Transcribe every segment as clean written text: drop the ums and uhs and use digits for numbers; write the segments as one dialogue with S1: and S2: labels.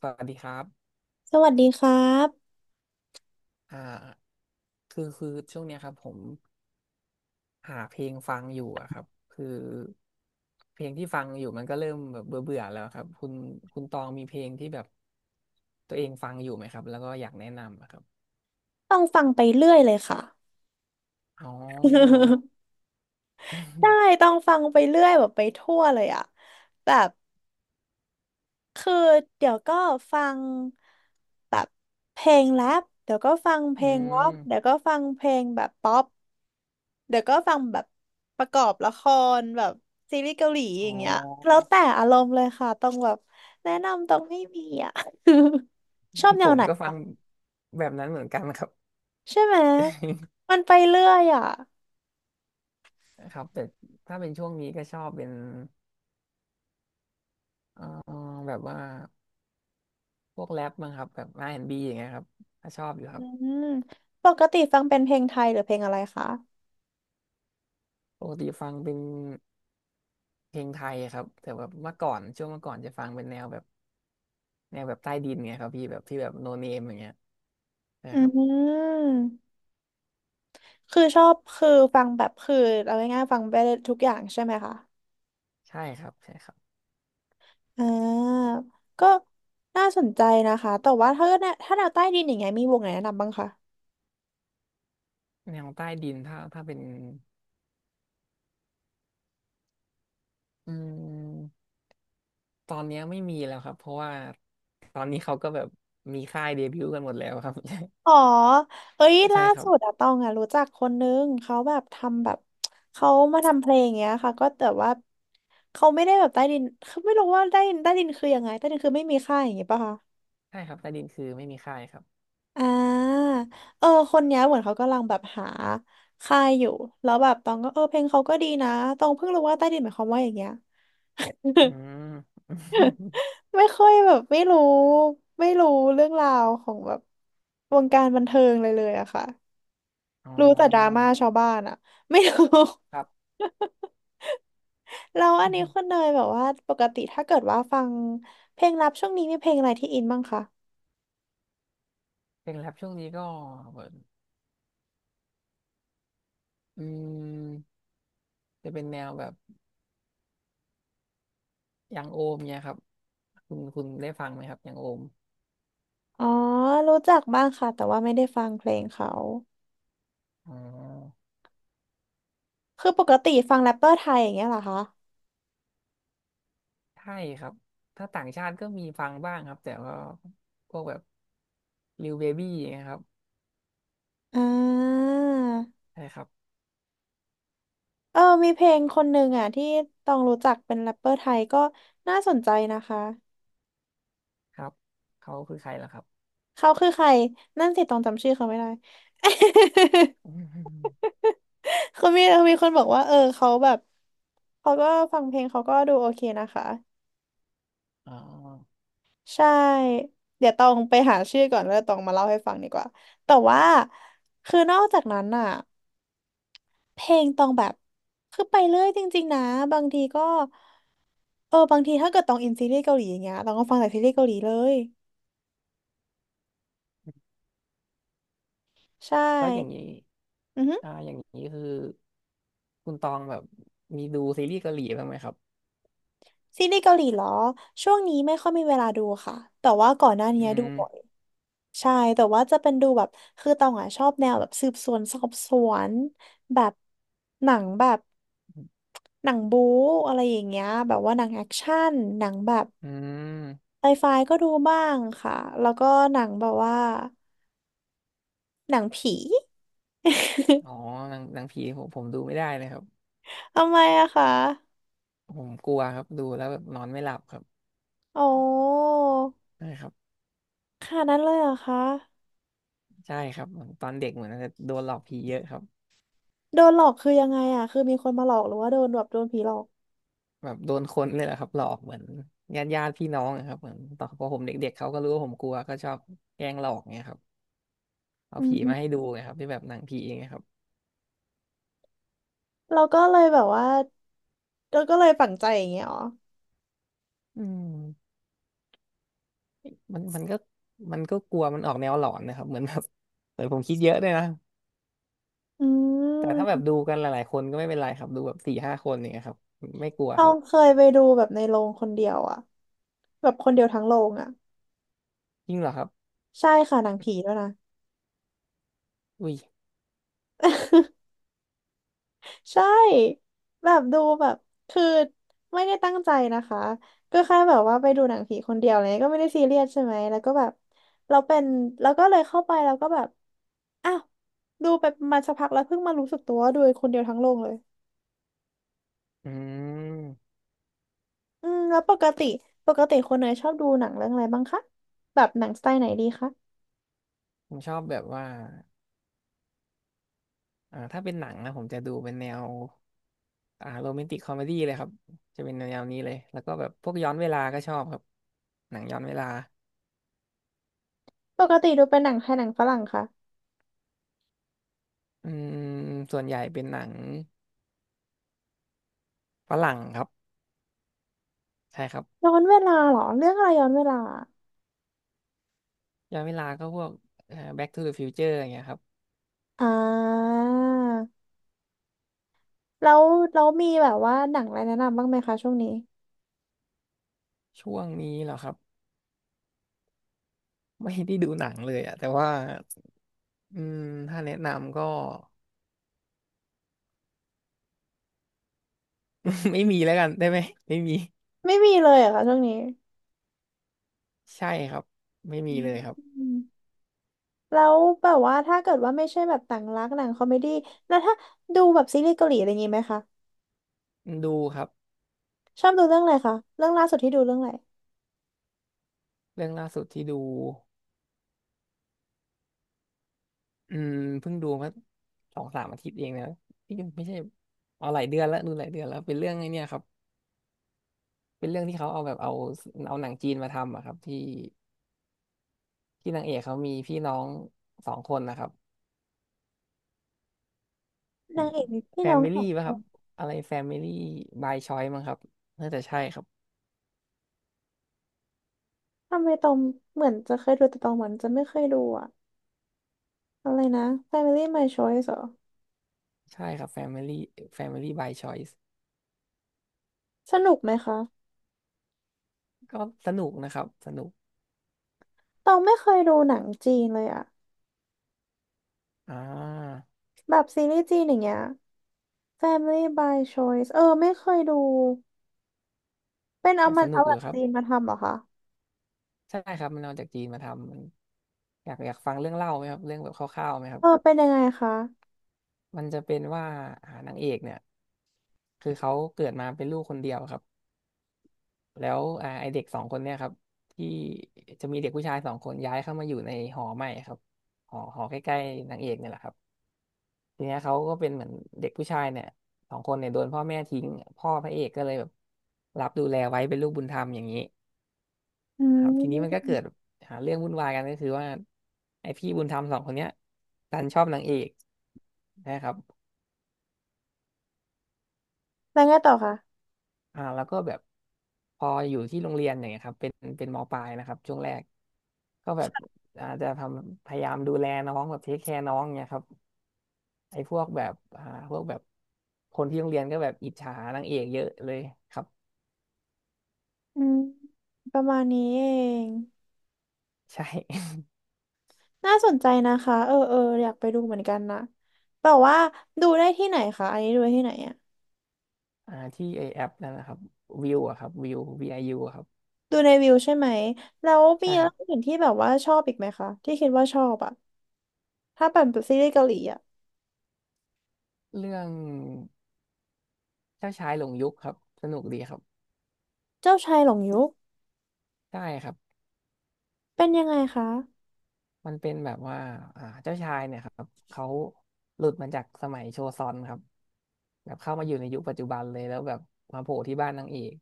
S1: สวัสดีครับ
S2: สวัสดีครับ
S1: อ่าคือช่วงเนี้ยครับผมหาเพลงฟังอยู่อะครับคือเพลงที่ฟังอยู่มันก็เริ่มแบบเบื่อเบื่อแล้วครับคุณคุณตองมีเพลงที่แบบตัวเองฟังอยู่ไหมครับแล้วก็อยากแนะนำอะครับ
S2: ต้องฟังไปเรื่อยเลยค่ะ
S1: อ๋อ
S2: ได้ต้ องฟังไปเรื่อยแบบไปทั่วเลยอะแบบคือเดี๋ยวก็ฟังแบบเพลงแรปเดี๋ยวก็ฟังเพ
S1: อื
S2: ลงร็อกเดี๋ยว
S1: ม
S2: ก็ฟังเพลงแบบป๊อปเดี๋ยวก็ฟังแบบประกอบละครแบบซีรีส์เกาหลีอ
S1: อ๋
S2: ย่างเงี้ยแล้
S1: อ
S2: วแต่อารมณ์เลยค่ะต้องแบบแนะนำต้องไม่มีอะ ชอบแน
S1: ผ
S2: ว
S1: ม
S2: ไหน
S1: ก็ฟั
S2: คะ
S1: งแบบนั้นเหมือนกันครับ
S2: ใช่ไหม มันไปเรื่อยอะ
S1: ครับแต่ถ้าเป็นช่วงนี้ก็ชอบเป็นเอ่อแบบว่าพวกแรปมั้งครับแบบ R&B อนด์บีอย่างเงี้ยครับก็ชอบอยู่ค
S2: อื
S1: รับ
S2: มปกติฟังเป็นเพลงไทยหรือเพลงอะไรคะ
S1: ปกติฟังเป็นเพลงไทยอะครับแต่แบบเมื่อก่อนช่วงเมื่อก่อนจะฟังเป็นแนวแบบแนวแบบใต้ดินไงครับพี่แบบที่แบบโนเนมอย่างเงี้ย
S2: อื
S1: นะครับ
S2: มคือชอบคือฟังแบบคือเอาง่ายๆฟังไปทุกอย่างใช่ไหมคะ
S1: ใช่ครับใช่ครับ
S2: อ่าก็น่าสนใจนะคะแต่ว่าถ้าเกิดเนี่ยถ้าแนวใต้ดินอย่างเงี้ยมีวงไหนแนะนำบ้างคะ
S1: แนวใต้ดินถ้าเป็นอืมตอนเนี้ยไม่มีแล้วครับเพราะว่าตอนนี้เขาก็แบบมีค่ายเดบิวต์กันหมดแล้วครับ
S2: อ๋อเอ้ย
S1: ใช่
S2: ล่า
S1: ครั
S2: สุดอะ
S1: บ
S2: ตองอะรู้จักคนนึงเขาแบบทำแบบเขามาทำเพลงอย่างเงี้ยค่ะก็แต่ว่าเขาไม่ได้แบบใต้ดินเขาไม่รู้ว่าใต้ดินใต้ดินคือยังไงใต้ดินคือไม่มีค่าอย่างเงี้ยป่ะคะ
S1: ใช่ครับใต้ดินคือไม่มีค่ายครับ
S2: อ่าเออคนเนี้ยเหมือนเขากำลังแบบหาค่ายอยู่แล้วแบบตองก็เออเพลงเขาก็ดีนะตองเพิ่งรู้ว่าใต้ดินหมายความว่าอย่างเงี้ย
S1: อื ม
S2: ไม่ค่อยแบบไม่รู้เรื่องราวของแบบวงการบันเทิงเลยเลยอะค่ะ
S1: อ๋
S2: รู้แต่ดราม่า
S1: อ
S2: ชาวบ้านอะ ไม่รู้
S1: ครับ
S2: แล้วอันนี้คุณ เนยแบบว่าปกติถ้าเกิดว่าฟังเพลงรับช่วงนี้มีเพลงอะไรที่อินบ้างคะ
S1: เพลงแรปช่วงนี้ก็เืออืมจะเป็นแนวแบบ อย่างโอมเนี่ยครับคุณได้ฟังไหมครับอย่างโอม
S2: อ๋อรู้จักบ้างค่ะแต่ว่าไม่ได้ฟังเพลงเขา
S1: อ๋อ
S2: คือปกติฟังแรปเปอร์ไทยอย่างเงี้ยเหรอคะ
S1: ใช่ครับถ้าต่างชาติก็มีฟังบ้างครับแต่ว่าพวกแบบลิวเบบี้นะครับ
S2: อ่า
S1: ใช่ครับ
S2: เออมีเพลงคนหนึ่งอ่ะที่ต้องรู้จักเป็นแรปเปอร์ไทยก็น่าสนใจนะคะ
S1: ครับเขาคือใครล่ะครับ
S2: เขาคือใคร นั่นสิต้องจำชื่อเขาไม่ได้
S1: อืม
S2: คือมีมีคนบอกว่าเออเขาแบบ เขาก็ฟังเพลงเขาก็ดูโอเคนะคะ
S1: อ๋อ
S2: ใช่ เดี๋ยวต้องไปหาชื่อก่อนแล้วตองมาเล่าให้ฟังดีกว่า แต่ว่า คือนอกจากนั้นอ่ะ เพลงตองแบบคือไปเรื่อยจริงๆนะบางทีก็เออบางทีถ้าเกิดตองอินซีรีส์เกาหลีอย่างเงี้ยตองก็ฟังแต่ซีรีส์เกาหลีเลยใช่
S1: แล้วอย่างนี้
S2: อือฮึ
S1: อย่างนี้คือคุณตองแบบมีดูซีรีส์เกาหลีบ้างไหมครับ
S2: ซีรีส์เกาหลีเหรอช่วงนี้ไม่ค่อยมีเวลาดูค่ะแต่ว่าก่อนหน้า
S1: อื
S2: นี้ดูบ่อย
S1: ม
S2: ใช่แต่ว่าจะเป็นดูแบบคือตองอ่ะชอบแนวแบบสืบสวนสอบสวนแบบหนังแบบหนังบู๊อะไรอย่างเงี้ยแบบว่าหนังแอคชั่นหนังแบบ
S1: อืม
S2: ไซไฟก็ดูบ้างค่ะแล้วก็หนังแบบว่า หนังผี
S1: อ๋อ หนังผีผมดูไม่ได้เลยครับ
S2: ทำไมอะคะ
S1: ผมกลัวครับดูแล้วแบบนอนไม่หลับครับ
S2: อ๋อ
S1: ใช่ครับ
S2: ขนาดนั้นเลยเหรอคะ
S1: ใช่ครับเหมือนตอนเด็กเหมือนจะโดนหลอกผีเยอะครับ
S2: โดนหลอกคือยังไงอะคือมีคนมาหลอกหรือว่าโดนแบบโดนผีหลอก
S1: แบบโดนคนเลยแหละครับหลอกเหมือนญาติพี่น้องอะครับเหมือนตอนพอผมเด็กๆเขาก็รู้ว่าผมกลัวก็ชอบแกล้งหลอกเงี้ยครับเอา
S2: อื
S1: ผี
S2: ม
S1: มาให้ดูไงครับที่แบบหนังผีอย่างเงี้ยครับ
S2: เราก็เลยแบบว่า เราก็เลยฝังใจอย่างเงี้ยอ๋อ
S1: อืมมันก็มันก็กลัวมันออกแนวหลอนนะครับเหมือนแบบเหมือนผมคิดเยอะด้วยนะ
S2: อื
S1: แต่ถ้าแบบ
S2: ม
S1: ดูกันหลายๆคนก็ไม่เป็นไรครับดูแบบสี่ห้าคนอย่างเงี้ยครับไม่กลัว
S2: ต้อ
S1: ครั
S2: ง
S1: บ
S2: เคยไปดูแบบในโรงคนเดียวอะ แบบคนเดียวทั้งโรงอะ
S1: จริงเหรอครับ
S2: ใช่ค่ะหนังผีด้วยนะ
S1: อุ้ย
S2: ใช่แบบดูแบบคือไม่ได้ตั้งใจนะคะก็แค่แบบว่าไปดูหนังผีคนเดียวอะไรเงี้ยก็ไม่ได้ซีเรียสใช่ไหมแล้วก็แบบเราเป็นแล้วก็เลยเข้าไปแล้วก็แบบอ้าวดูไปประมาณสักพักแล้วเพิ่งมารู้สึกตัวว่าดูคนเดียวทั้งโรงเลย
S1: อืม
S2: อืมแล้วปกติคนเนยชอบดูหนังเรื่องอะไรบ้างคะแบบหนังสไตล์ไหนดีคะ
S1: ผมชอบแบบว่าถ้าเป็นหนังนะผมจะดูเป็นแนว โรแมนติกคอมเมดี้เลยครับจะเป็นแนวนี้เลยแล้วก็แบบพวกย้อนเวลาก็ชอบครับหนังย้อนเวลา
S2: ปกติดูเป็นหนังไทยหนังฝรั่งคะ
S1: อืมส่วนใหญ่เป็นหนังฝรั่งครับใช่ครับ
S2: ย้อนเวลาเหรอเรื่องอะไรย้อนเวลา
S1: ย้อนเวลาก็พวกBack to the Future อย่างเงี้ยครับ
S2: อ่าแล้วมีแบบว่าหนังอะไรแนะนำบ้างไหมคะช่วงนี้
S1: ช่วงนี้เหรอครับไม่ได้ดูหนังเลยอะแต่ว่าอืมถ้าแนะนำก็ ไม่มีแล้วกันได้ไหมไม่มี
S2: ไม่มีเลยเหรอะค่ะช่วงนี้
S1: ใช่ครับไม่
S2: อ
S1: มีเลยครับ
S2: ืมแล้วแบบว่าถ้าเกิดว่าไม่ใช่แบบต่างรักหนังคอมเมดี้แล้วถ้าดูแบบซีรีส์เกาหลีอะไรอย่างงี้ไหมคะ
S1: ดูครับ
S2: ชอบดูเรื่องอะไรคะเรื่องล่าสุดที่ดูเรื่องอะไร
S1: เรื่องล่าสุดที่ดู อืมเพิ่งดูมาสองสามอาทิตย์เองนะนี่ไม่ใช่เอาหลายเดือนแล้วดูหลายเดือนแล้วเป็นเรื่องไอ้เนี่ยครับเป็นเรื่องที่เขาเอาเอาหนังจีนมาทำอะครับที่นางเอกเขามีพี่น้องสองคนนะครับ
S2: นางเอกมีพี่
S1: แฟ
S2: น้อง
S1: มิ
S2: สอ
S1: ลี่
S2: งค
S1: ป่ะครั
S2: น
S1: บอะไรแฟมิลี่บายชอยมั้งครับน่าจะใช่ครับ
S2: ทำไมตองเหมือนจะเคยดูแต่ตองเหมือนจะไม่เคยดูอะอะไรนะ Family My Choice เหรอ
S1: ใช่ครับแฟมิลี่แฟมิลี่บายชอยส์
S2: สนุกไหมคะ
S1: ก็สนุกนะครับสนุก
S2: ตองไม่เคยดูหนังจีนเลยอะ
S1: อ่า
S2: แบบซีรีส์จีนอย่างเงี้ย Family by Choice เออไม่เคยดูเป็นเอา
S1: แต่
S2: มั
S1: ส
S2: น
S1: นุ
S2: เอา
S1: ก
S2: ห
S1: อ
S2: นั
S1: ยู่
S2: ง
S1: ครับ
S2: จีนมาทำเหรอคะ
S1: ใช่ครับมันเอาจากจีนมาทำมันอยากฟังเรื่องเล่าไหมครับเรื่องแบบคร่าวๆไหมครั
S2: เอ
S1: บ
S2: อเป็นยังไงคะ
S1: มันจะเป็นว่านางเอกเนี่ยคือเขาเกิดมาเป็นลูกคนเดียวครับแล้วไอเด็กสองคนเนี่ยครับที่จะมีเด็กผู้ชายสองคนย้ายเข้ามาอยู่ในหอใหม่ครับหอใกล้ๆนางเอกเนี่ยแหละครับทีเนี้ยเขาก็เป็นเหมือนเด็กผู้ชายเนี่ยสองคนเนี่ยโดนพ่อแม่ทิ้งพ่อพระเอกก็เลยแบบรับดูแลไว้เป็นลูกบุญธรรมอย่างนี้
S2: อื
S1: นะครับทีนี้มันก็
S2: ม
S1: เกิดหาเรื่องวุ่นวายกันก็คือว่าไอพี่บุญธรรมสองคนเนี้ยดันชอบนางเอกนะครับ
S2: แล้วไงต่อคะ
S1: แล้วก็แบบพออยู่ที่โรงเรียนอย่างเงี้ยครับเป็นเป็นมปลายนะครับช่วงแรกก็แบบอาจจะทำพยายามดูแลน้องแบบเทคแคร์น้องเนี่ยครับไอ้พวกแบบพวกแบบคนที่โรงเรียนก็แบบอิจฉานางเอกเยอะเลยครับ
S2: อืมประมาณนี้เอง
S1: ใช่
S2: น่าสนใจนะคะเออเอออยากไปดูเหมือนกันนะแต่ว่าดูได้ที่ไหนคะอันนี้ดูได้ที่ไหนอะ
S1: ที่ไอแอปนั่นนะครับวิวอะครับวิว VIU อยูอะครับ
S2: ดูในวิวใช่ไหมแล้วมี
S1: ใช่ค
S2: เรื่อ
S1: รั
S2: ง
S1: บ
S2: อื่นที่แบบว่าชอบอีกไหมคะที่คิดว่าชอบอะถ้าเป็นซีรีส์เกาหลีอะ
S1: เรื่องเจ้าชายหลงยุคครับสนุกดีครับ
S2: เจ้าชายหลงยุค
S1: ใช่ครับ
S2: เป็นยังไงคะ
S1: มันเป็นแบบว่าเจ้าชายเนี่ยครับ เขาหลุดมาจากสมัยโชซอนครับแบบเข้ามาอยู่ในยุคปัจจุบันเลยแล้วแบบมาโผล่ที่บ้านนางเอก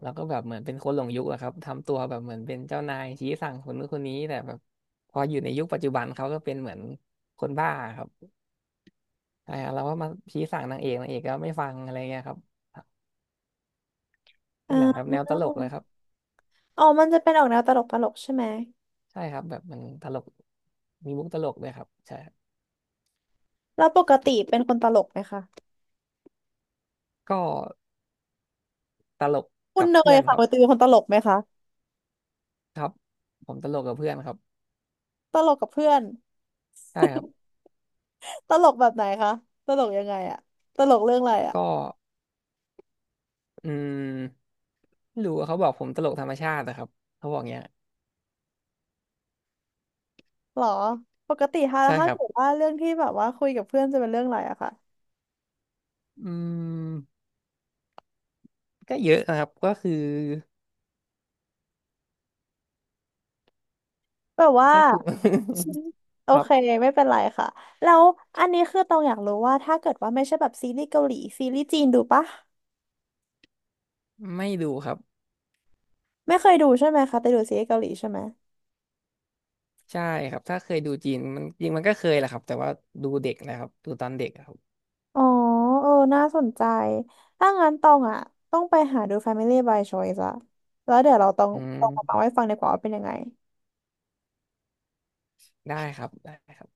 S1: แล้วก็แบบเหมือนเป็นคนหลงยุคอะครับทำตัวแบบเหมือนเป็นเจ้านายชี้สั่งคนนู้นคนนี้แต่แบบพออยู่ในยุคปัจจุบัน เขาก็เป็นเหมือนคนบ้าครับเราก็มาชี้สั่งนางเอกนางเอกก็ไม่ฟังอะไรเงี้ยครับ
S2: อ่
S1: เป็นหนังแบบ
S2: า
S1: แนวตลกเลยครับ
S2: อ๋อมันจะเป็นออกแนวตลกตลกใช่ไหม
S1: ใช่ครับแบบมันตลกมีมุกตลกด้วยครับใช่ครับ
S2: แล้วปกติเป็นคนตลกไหมคะ
S1: ก็ตลก
S2: คุณ
S1: กับ
S2: เน
S1: เพื่
S2: ย
S1: อน
S2: ค่ะ
S1: ค
S2: ป
S1: รับ
S2: กติเป็นคนตลกไหมคะ
S1: ครับผมตลกกับเพื่อนครับ
S2: ตลกกับเพื่อน
S1: ใช่ครับ
S2: ตลกแบบไหนคะตลกยังไงอะตลกเรื่องอะไรอะ
S1: ก็อืมไม่รู้อะเขาบอกผมตลกธรรมชาตินะครับเขาบอกเงี้ย
S2: หรอปกติถ้า
S1: ใช่
S2: ถ้า
S1: ครับ
S2: เกิดว่าเรื่องที่แบบว่าคุยกับเพื่อนจะเป็นเรื่องอะไรอะค่ะ
S1: อืมก็เยอะนะครับก็คือ
S2: แบบว่า
S1: ก็คือ
S2: โอ
S1: ครั
S2: เค
S1: บ
S2: ไม่เป็นไรค่ะแล้วอันนี้คือตองอยากรู้ว่าถ้าเกิดว่าไม่ใช่แบบซีรีส์เกาหลีซีรีส์จีนดูปะ
S1: ไม่ดูครับ
S2: ไม่เคยดูใช่ไหมคะแต่ดูซีรีส์เกาหลีใช่ไหม
S1: ใช่ครับถ้าเคยดูจีนมันจริงมันก็เคยแหละครับแต่ว่าดูเด็กนะครับดูตอนเด็กอะครับ
S2: อ๋อเออน่าสนใจถ้างั้นตองอะต้องไปหาดู Family by Choice อะแล้วเดี๋ยวเราต้อง
S1: อื
S2: ต้องมาเล่า
S1: ม
S2: ให้ฟังดีกว่าว่าเป็นยังไง
S1: ได้ครับได้ครับ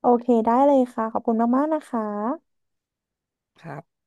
S2: โอเคได้เลยค่ะขอบคุณมากๆนะคะ
S1: ครับ